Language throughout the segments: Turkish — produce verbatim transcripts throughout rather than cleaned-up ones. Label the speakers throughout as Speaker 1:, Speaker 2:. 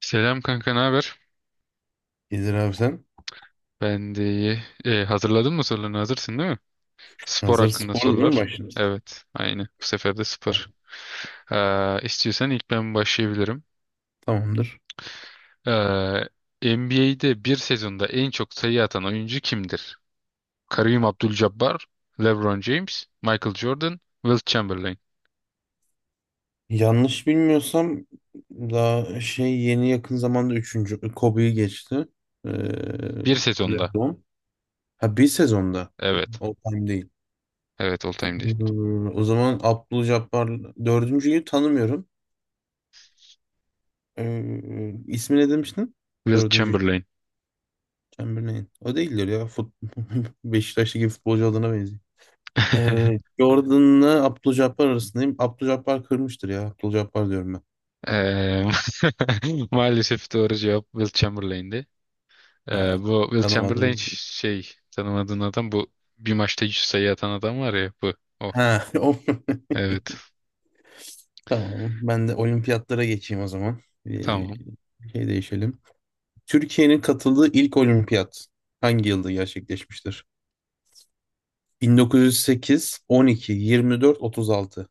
Speaker 1: Selam kanka, ne haber?
Speaker 2: İzir abi sen
Speaker 1: Ben de iyi. Ee, hazırladın mı sorularını? Hazırsın değil mi? Spor
Speaker 2: hazır
Speaker 1: hakkında
Speaker 2: orada değil mi,
Speaker 1: sorular.
Speaker 2: başlıyoruz?
Speaker 1: Evet, aynı. Bu sefer de
Speaker 2: Tamam.
Speaker 1: spor. Ee, istiyorsan ilk ben başlayabilirim.
Speaker 2: Tamamdır.
Speaker 1: Ee, N B A'de bir sezonda en çok sayı atan oyuncu kimdir? Kareem Abdul-Jabbar, LeBron James, Michael Jordan, Wilt Chamberlain.
Speaker 2: Yanlış bilmiyorsam daha şey yeni yakın zamanda üçüncü Kobe'yi geçti. Ee,
Speaker 1: Bir sezonda.
Speaker 2: LeBron. Ha, bir sezonda.
Speaker 1: Evet.
Speaker 2: O time değil.
Speaker 1: Evet, all time değil.
Speaker 2: Hmm, O zaman Abdülcabbar dördüncüyü tanımıyorum. Ee, ismi ne demiştin?
Speaker 1: Wilt
Speaker 2: Dördüncü
Speaker 1: Chamberlain.
Speaker 2: Chamberlain. O değildir ya. Fut Beşiktaş'taki futbolcu adına benziyor. Ee, Jordan'la Abdülcabbar arasındayım. Abdülcabbar kırmıştır ya. Abdülcabbar diyorum.
Speaker 1: Ee, maalesef doğru cevap Wilt Chamberlain'di. Ee,
Speaker 2: Ha,
Speaker 1: bu Will Chamberlain
Speaker 2: tanımadım.
Speaker 1: ş- şey, tanımadığın adam bu, bir maçta yüz sayı atan adam var ya, bu o.
Speaker 2: Ha, o-
Speaker 1: Evet,
Speaker 2: tamam. Ben de olimpiyatlara geçeyim o zaman. Ee,
Speaker 1: tamam.
Speaker 2: şey değişelim. Türkiye'nin katıldığı ilk olimpiyat hangi yılda gerçekleşmiştir? bin dokuz yüz sekiz, on iki, yirmi dört, otuz altı.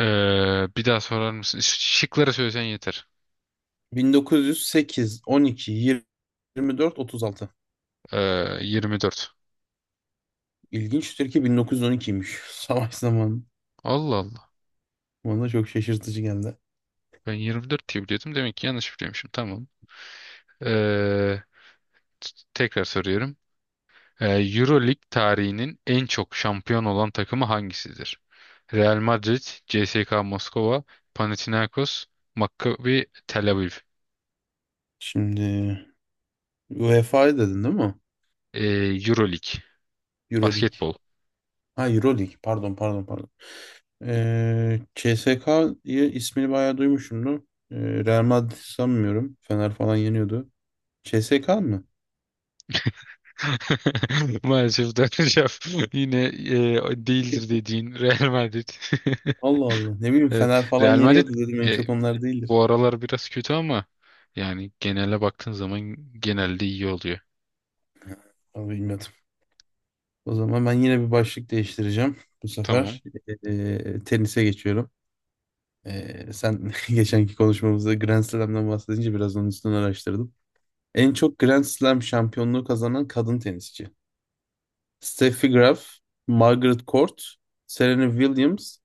Speaker 1: Ee, bir daha sorar mısın? Ş- Şıkları söylesen yeter.
Speaker 2: bin dokuz yüz sekiz, on iki, yirmi dört, otuz altı.
Speaker 1: Ee, yirmi dört.
Speaker 2: İlginçtir ki bin dokuz yüz on ikiymiş. Savaş zamanı.
Speaker 1: Allah Allah.
Speaker 2: Bana da çok şaşırtıcı geldi.
Speaker 1: Ben yirmi dört diye biliyordum. Demek ki yanlış biliyormuşum. Tamam. Ee, t- Tekrar soruyorum. Ee, Euroleague tarihinin en çok şampiyon olan takımı hangisidir? Real Madrid, C S K A Moskova, Panathinaikos, Maccabi Tel Aviv.
Speaker 2: Şimdi UEFA 'yı dedin değil mi?
Speaker 1: Ee, Euroleague.
Speaker 2: Euroleague.
Speaker 1: Basketbol.
Speaker 2: Ha, Euroleague. Pardon, pardon, pardon. Ee, C S K'yı ismini bayağı duymuşumdur. Ee, Real Madrid sanmıyorum. Fener falan yeniyordu. C S K mı?
Speaker 1: Maalesef döneceğim. Yine e, değildir dediğin Real Madrid.
Speaker 2: Allah Allah. Ne bileyim, Fener
Speaker 1: Evet.
Speaker 2: falan
Speaker 1: Real Madrid
Speaker 2: yeniyordu dedim. En
Speaker 1: e,
Speaker 2: çok onlar değildir.
Speaker 1: bu aralar biraz kötü ama yani genele baktığın zaman genelde iyi oluyor.
Speaker 2: Ama bilmiyordum. O zaman ben yine bir başlık değiştireceğim. Bu
Speaker 1: Tamam.
Speaker 2: sefer ee, tenise geçiyorum. Ee, sen geçenki konuşmamızda Grand Slam'dan bahsedince biraz onun üstünden araştırdım. En çok Grand Slam şampiyonluğu kazanan kadın tenisçi: Steffi Graf, Margaret Court, Serena Williams,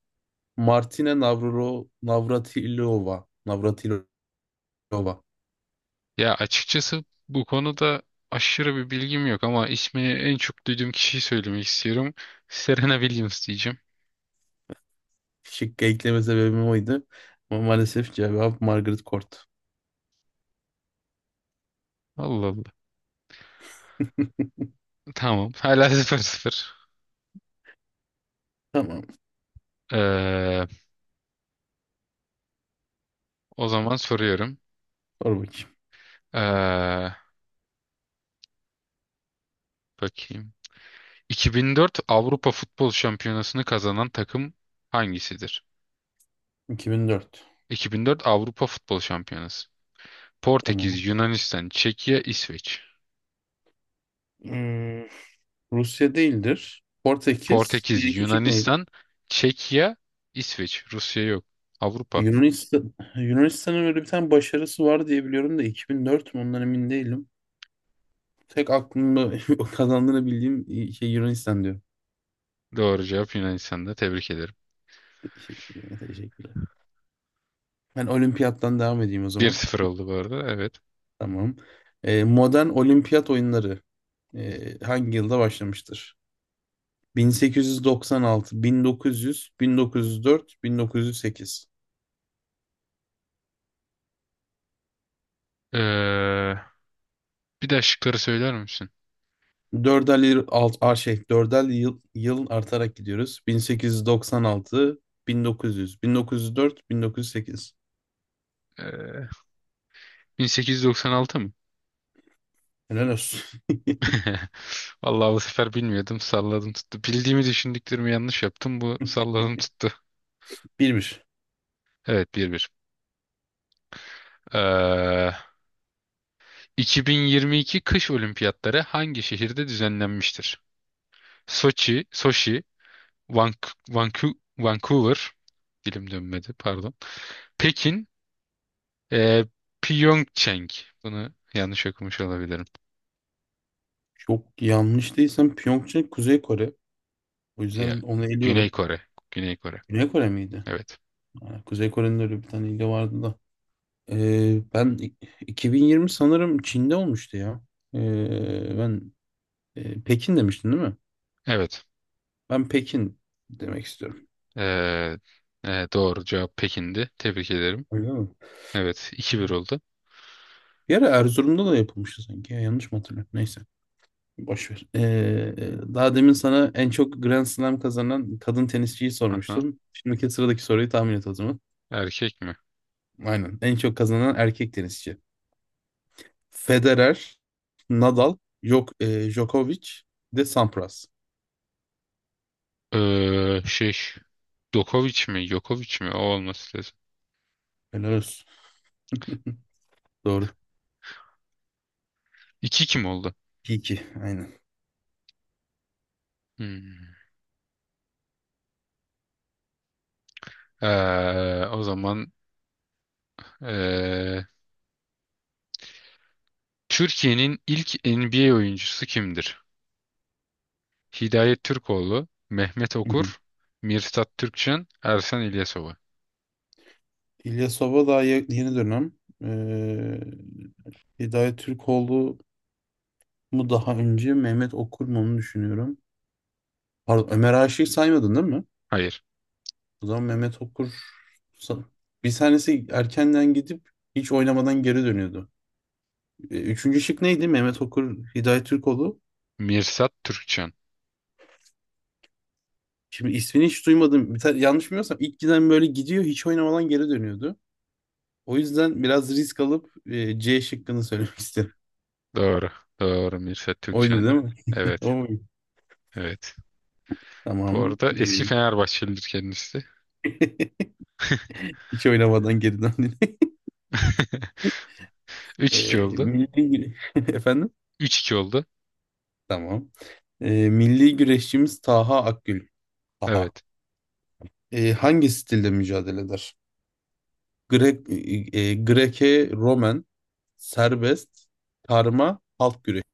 Speaker 2: Martina Navrolo, Navratilova. Navratilova.
Speaker 1: Ya açıkçası bu konuda aşırı bir bilgim yok ama ismini en çok duyduğum kişiyi söylemek istiyorum. Serena Williams diyeceğim.
Speaker 2: Şıkkı ekleme sebebim oydu. Ama maalesef cevap Margaret Court.
Speaker 1: Allah Allah. Tamam. Hala sıfır sıfır.
Speaker 2: Tamam.
Speaker 1: Ee, O zaman soruyorum.
Speaker 2: Sor bakayım.
Speaker 1: Ee, Bakayım. iki bin dört Avrupa Futbol Şampiyonası'nı kazanan takım hangisidir?
Speaker 2: iki bin dört.
Speaker 1: iki bin dört Avrupa Futbol Şampiyonası.
Speaker 2: Tamam.
Speaker 1: Portekiz, Yunanistan, Çekya, İsveç.
Speaker 2: Hmm, Rusya değildir. Portekiz. Bir
Speaker 1: Portekiz,
Speaker 2: iki şık neydi?
Speaker 1: Yunanistan, Çekya, İsveç. Rusya yok. Avrupa.
Speaker 2: Yunanistan. Yunanistan'ın öyle bir tane başarısı var diye biliyorum da iki bin dört mü ondan emin değilim. Tek aklımda o kazandığını bildiğim şey Yunanistan diyor.
Speaker 1: Doğru cevap Yunanistan'da. Tebrik ederim.
Speaker 2: Teşekkürler, teşekkürler. Ben olimpiyattan devam edeyim o zaman.
Speaker 1: bir sıfır oldu bu arada. Evet.
Speaker 2: Tamam. Ee, modern olimpiyat oyunları ee, hangi yılda başlamıştır? bin sekiz yüz doksan altı, bin dokuz yüz, bin dokuz yüz dört, bin dokuz yüz sekiz.
Speaker 1: Ee, Bir daha şıkları söyler misin?
Speaker 2: Dörder yıl, alt, a, şey, dörder yıl, yıl artarak gidiyoruz. bin sekiz yüz doksan altı, bin dokuz yüz, bin dokuz yüz dört, bin dokuz yüz sekiz.
Speaker 1: Ee, bin sekiz yüz doksan altı.
Speaker 2: Helal olsun.
Speaker 1: Vallahi bu sefer bilmiyordum. Salladım tuttu. Bildiğimi düşündüklerimi yanlış yaptım. Bu salladım tuttu.
Speaker 2: bir bir.
Speaker 1: Evet, bir bir. Ee, iki bin yirmi iki kış olimpiyatları hangi şehirde düzenlenmiştir? Soçi, Soşi, Vank- Vanku- Vancouver, dilim dönmedi, pardon. Pekin, e, Pyeongchang. Bunu yanlış okumuş olabilirim.
Speaker 2: Çok yanlış değilsem Pyeongchang Kuzey Kore. O
Speaker 1: Ya,
Speaker 2: yüzden onu
Speaker 1: Güney
Speaker 2: eliyorum.
Speaker 1: Kore. Güney Kore.
Speaker 2: Güney Kore miydi?
Speaker 1: Evet.
Speaker 2: Ha, Kuzey Kore'nin öyle bir tane ili vardı da. Ee, ben i- iki bin yirmi sanırım Çin'de olmuştu ya. Ee, ben e, Pekin demiştin değil mi?
Speaker 1: Evet.
Speaker 2: Ben Pekin demek istiyorum.
Speaker 1: Ee, e, doğru cevap Pekin'di. Tebrik ederim.
Speaker 2: Öyle mi?
Speaker 1: Evet. iki bir oldu.
Speaker 2: Bir ara Erzurum'da da yapılmıştı sanki. Ya, yanlış mı hatırlıyorum? Neyse. Boş ver. Ee, daha demin sana en çok Grand Slam kazanan kadın tenisçiyi
Speaker 1: Aha.
Speaker 2: sormuştum. Şimdiki sıradaki soruyu tahmin et o zaman.
Speaker 1: Erkek mi?
Speaker 2: Aynen. En çok kazanan erkek tenisçi. Federer, Nadal, yok e, Djokovic, bir de Sampras.
Speaker 1: Ee, şey. Djokovic mi? Djokovic mi? O olması lazım.
Speaker 2: Helal olsun. Doğru.
Speaker 1: iki kim oldu?
Speaker 2: iki iki. Aynen.
Speaker 1: Hmm. Ee, o zaman ee, Türkiye'nin ilk N B A oyuncusu kimdir? Hidayet Türkoğlu, Mehmet
Speaker 2: Hı hı.
Speaker 1: Okur, Mirsat Türkçen, Ersan İlyasova.
Speaker 2: İlyas Sova daha ye- yeni dönem. Ee, Hidayet Türkoğlu mu daha önce Mehmet Okur mu onu düşünüyorum. Pardon, Ömer Aşık'ı saymadın değil mi?
Speaker 1: Hayır.
Speaker 2: O zaman Mehmet Okur sa- bir tanesi erkenden gidip hiç oynamadan geri dönüyordu. Ee, Üçüncü şık neydi? Mehmet Okur, Hidayet Türkoğlu.
Speaker 1: Mirsat Türkçen.
Speaker 2: Şimdi ismini hiç duymadım. Bir tane, yanlış bilmiyorsam ilk giden böyle gidiyor, hiç oynamadan geri dönüyordu. O yüzden biraz risk alıp e, C şıkkını söylemek istedim.
Speaker 1: Doğru. Doğru. Mirsat
Speaker 2: Oydu değil
Speaker 1: Türkçen'di.
Speaker 2: mi?
Speaker 1: Evet.
Speaker 2: O,
Speaker 1: Evet. Bu
Speaker 2: tamam.
Speaker 1: arada eski
Speaker 2: Ee,
Speaker 1: Fenerbahçelidir kendisi.
Speaker 2: hiç oynamadan geri döndün.
Speaker 1: Üç iki
Speaker 2: Ee,
Speaker 1: oldu.
Speaker 2: milli güre- Efendim?
Speaker 1: Üç iki oldu.
Speaker 2: Tamam. Ee, milli güreşçimiz Taha Akgül. Taha.
Speaker 1: Evet.
Speaker 2: Ee, hangi stilde mücadele eder? Grek, e, e, Greke, Romen, serbest, karma, halk güreşi.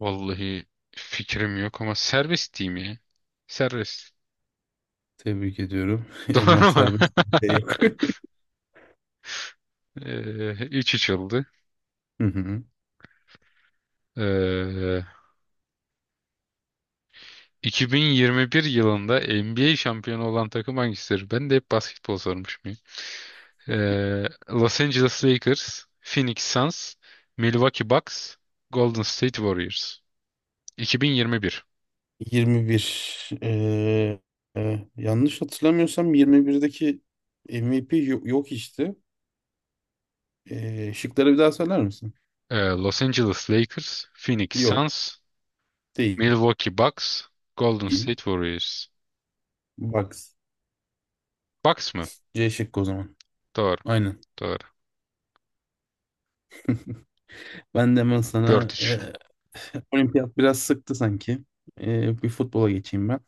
Speaker 1: Vallahi fikrim yok ama serbest diyeyim ya. Serbest.
Speaker 2: Tebrik ediyorum. Emrah
Speaker 1: Doğru mu?
Speaker 2: serbest de yok.
Speaker 1: Ee, üç üç oldu.
Speaker 2: Hı hı.
Speaker 1: Ee, iki bin yirmi bir yılında N B A şampiyonu olan takım hangisidir? Ben de hep basketbol sormuşum ya. Ee, Los Angeles Lakers, Phoenix Suns, Milwaukee Bucks, Golden State Warriors. iki bin yirmi bir.
Speaker 2: yirmi bir. Ee, e, e, yanlış hatırlamıyorsam yirmi birdeki M V P yo- yok işte. Ee, şıkları bir daha söyler misin?
Speaker 1: Ee, Los Angeles Lakers, Phoenix
Speaker 2: Yok.
Speaker 1: Suns,
Speaker 2: Değil.
Speaker 1: Milwaukee Bucks, Golden State Warriors.
Speaker 2: Bucks.
Speaker 1: Bax mı?
Speaker 2: C şıkkı o zaman.
Speaker 1: Doğru.
Speaker 2: Aynen.
Speaker 1: Doğru.
Speaker 2: Ben de hemen sana e,
Speaker 1: dört üç.
Speaker 2: olimpiyat biraz sıktı sanki. E, bir futbola geçeyim ben.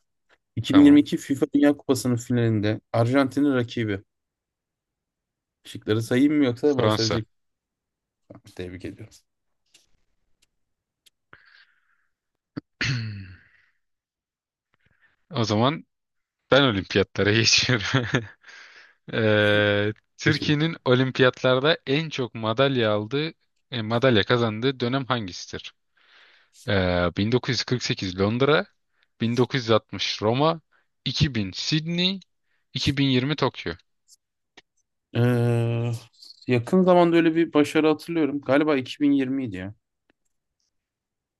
Speaker 1: Tamam.
Speaker 2: iki bin yirmi iki FIFA Dünya Kupası'nın finalinde Arjantin'in rakibi. Şıkları sayayım mı yoksa ben
Speaker 1: Fransa.
Speaker 2: sadece tebrik ediyorum.
Speaker 1: O zaman ben olimpiyatlara geçiyorum. Eee,
Speaker 2: Geç bakayım.
Speaker 1: Türkiye'nin olimpiyatlarda en çok madalya aldığı, e, madalya kazandığı dönem hangisidir? Eee, bin dokuz yüz kırk sekiz Londra, bin dokuz yüz altmış Roma, iki bin Sydney, iki bin yirmi Tokyo.
Speaker 2: Ee, yakın zamanda öyle bir başarı hatırlıyorum. Galiba iki bin yirmi idi ya.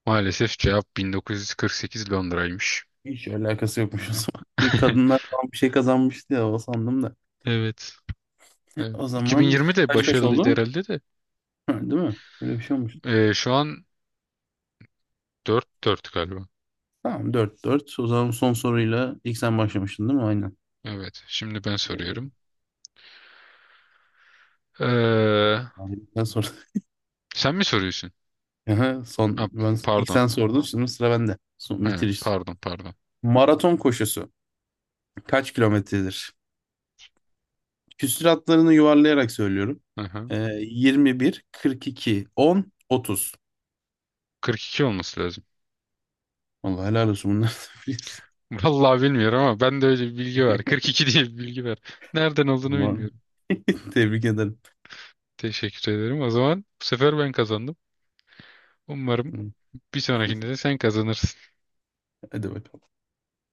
Speaker 1: Maalesef cevap bin dokuz yüz kırk sekiz Londra'ymış.
Speaker 2: Hiç alakası yokmuş o zaman. Bir kadınlar falan bir şey kazanmıştı ya, o sandım da.
Speaker 1: Evet. Evet.
Speaker 2: O zaman
Speaker 1: iki bin yirmi de
Speaker 2: kaç kaç
Speaker 1: başarılıydı
Speaker 2: oldu?
Speaker 1: herhalde de.
Speaker 2: Ha, değil mi? Böyle bir şey olmuş.
Speaker 1: Ee, şu an dört dört galiba.
Speaker 2: Tamam, dört dört. O zaman son soruyla ilk sen başlamıştın değil mi? Aynen.
Speaker 1: Evet. Şimdi ben
Speaker 2: Ee,
Speaker 1: soruyorum. Ee,
Speaker 2: ben sordum.
Speaker 1: Sen mi soruyorsun?
Speaker 2: Aha,
Speaker 1: Ha,
Speaker 2: Son, ben, ilk
Speaker 1: pardon.
Speaker 2: sen sordun, şimdi sıra bende. Son,
Speaker 1: He,
Speaker 2: bitiriş.
Speaker 1: pardon, pardon.
Speaker 2: Maraton koşusu kaç kilometredir? Küsür yuvarlayarak söylüyorum.
Speaker 1: Aha.
Speaker 2: Ee, yirmi bir, kırk iki, on, otuz.
Speaker 1: kırk iki olması lazım.
Speaker 2: Vallahi helal olsun, bunları da biliyorsun.
Speaker 1: Vallahi bilmiyorum ama ben de öyle bir bilgi var. kırk iki diye bir bilgi var. Nereden olduğunu
Speaker 2: Aman,
Speaker 1: bilmiyorum.
Speaker 2: tebrik ederim.
Speaker 1: Teşekkür ederim. O zaman bu sefer ben kazandım. Umarım bir sonrakinde de sen kazanırsın.
Speaker 2: Hadi bakalım.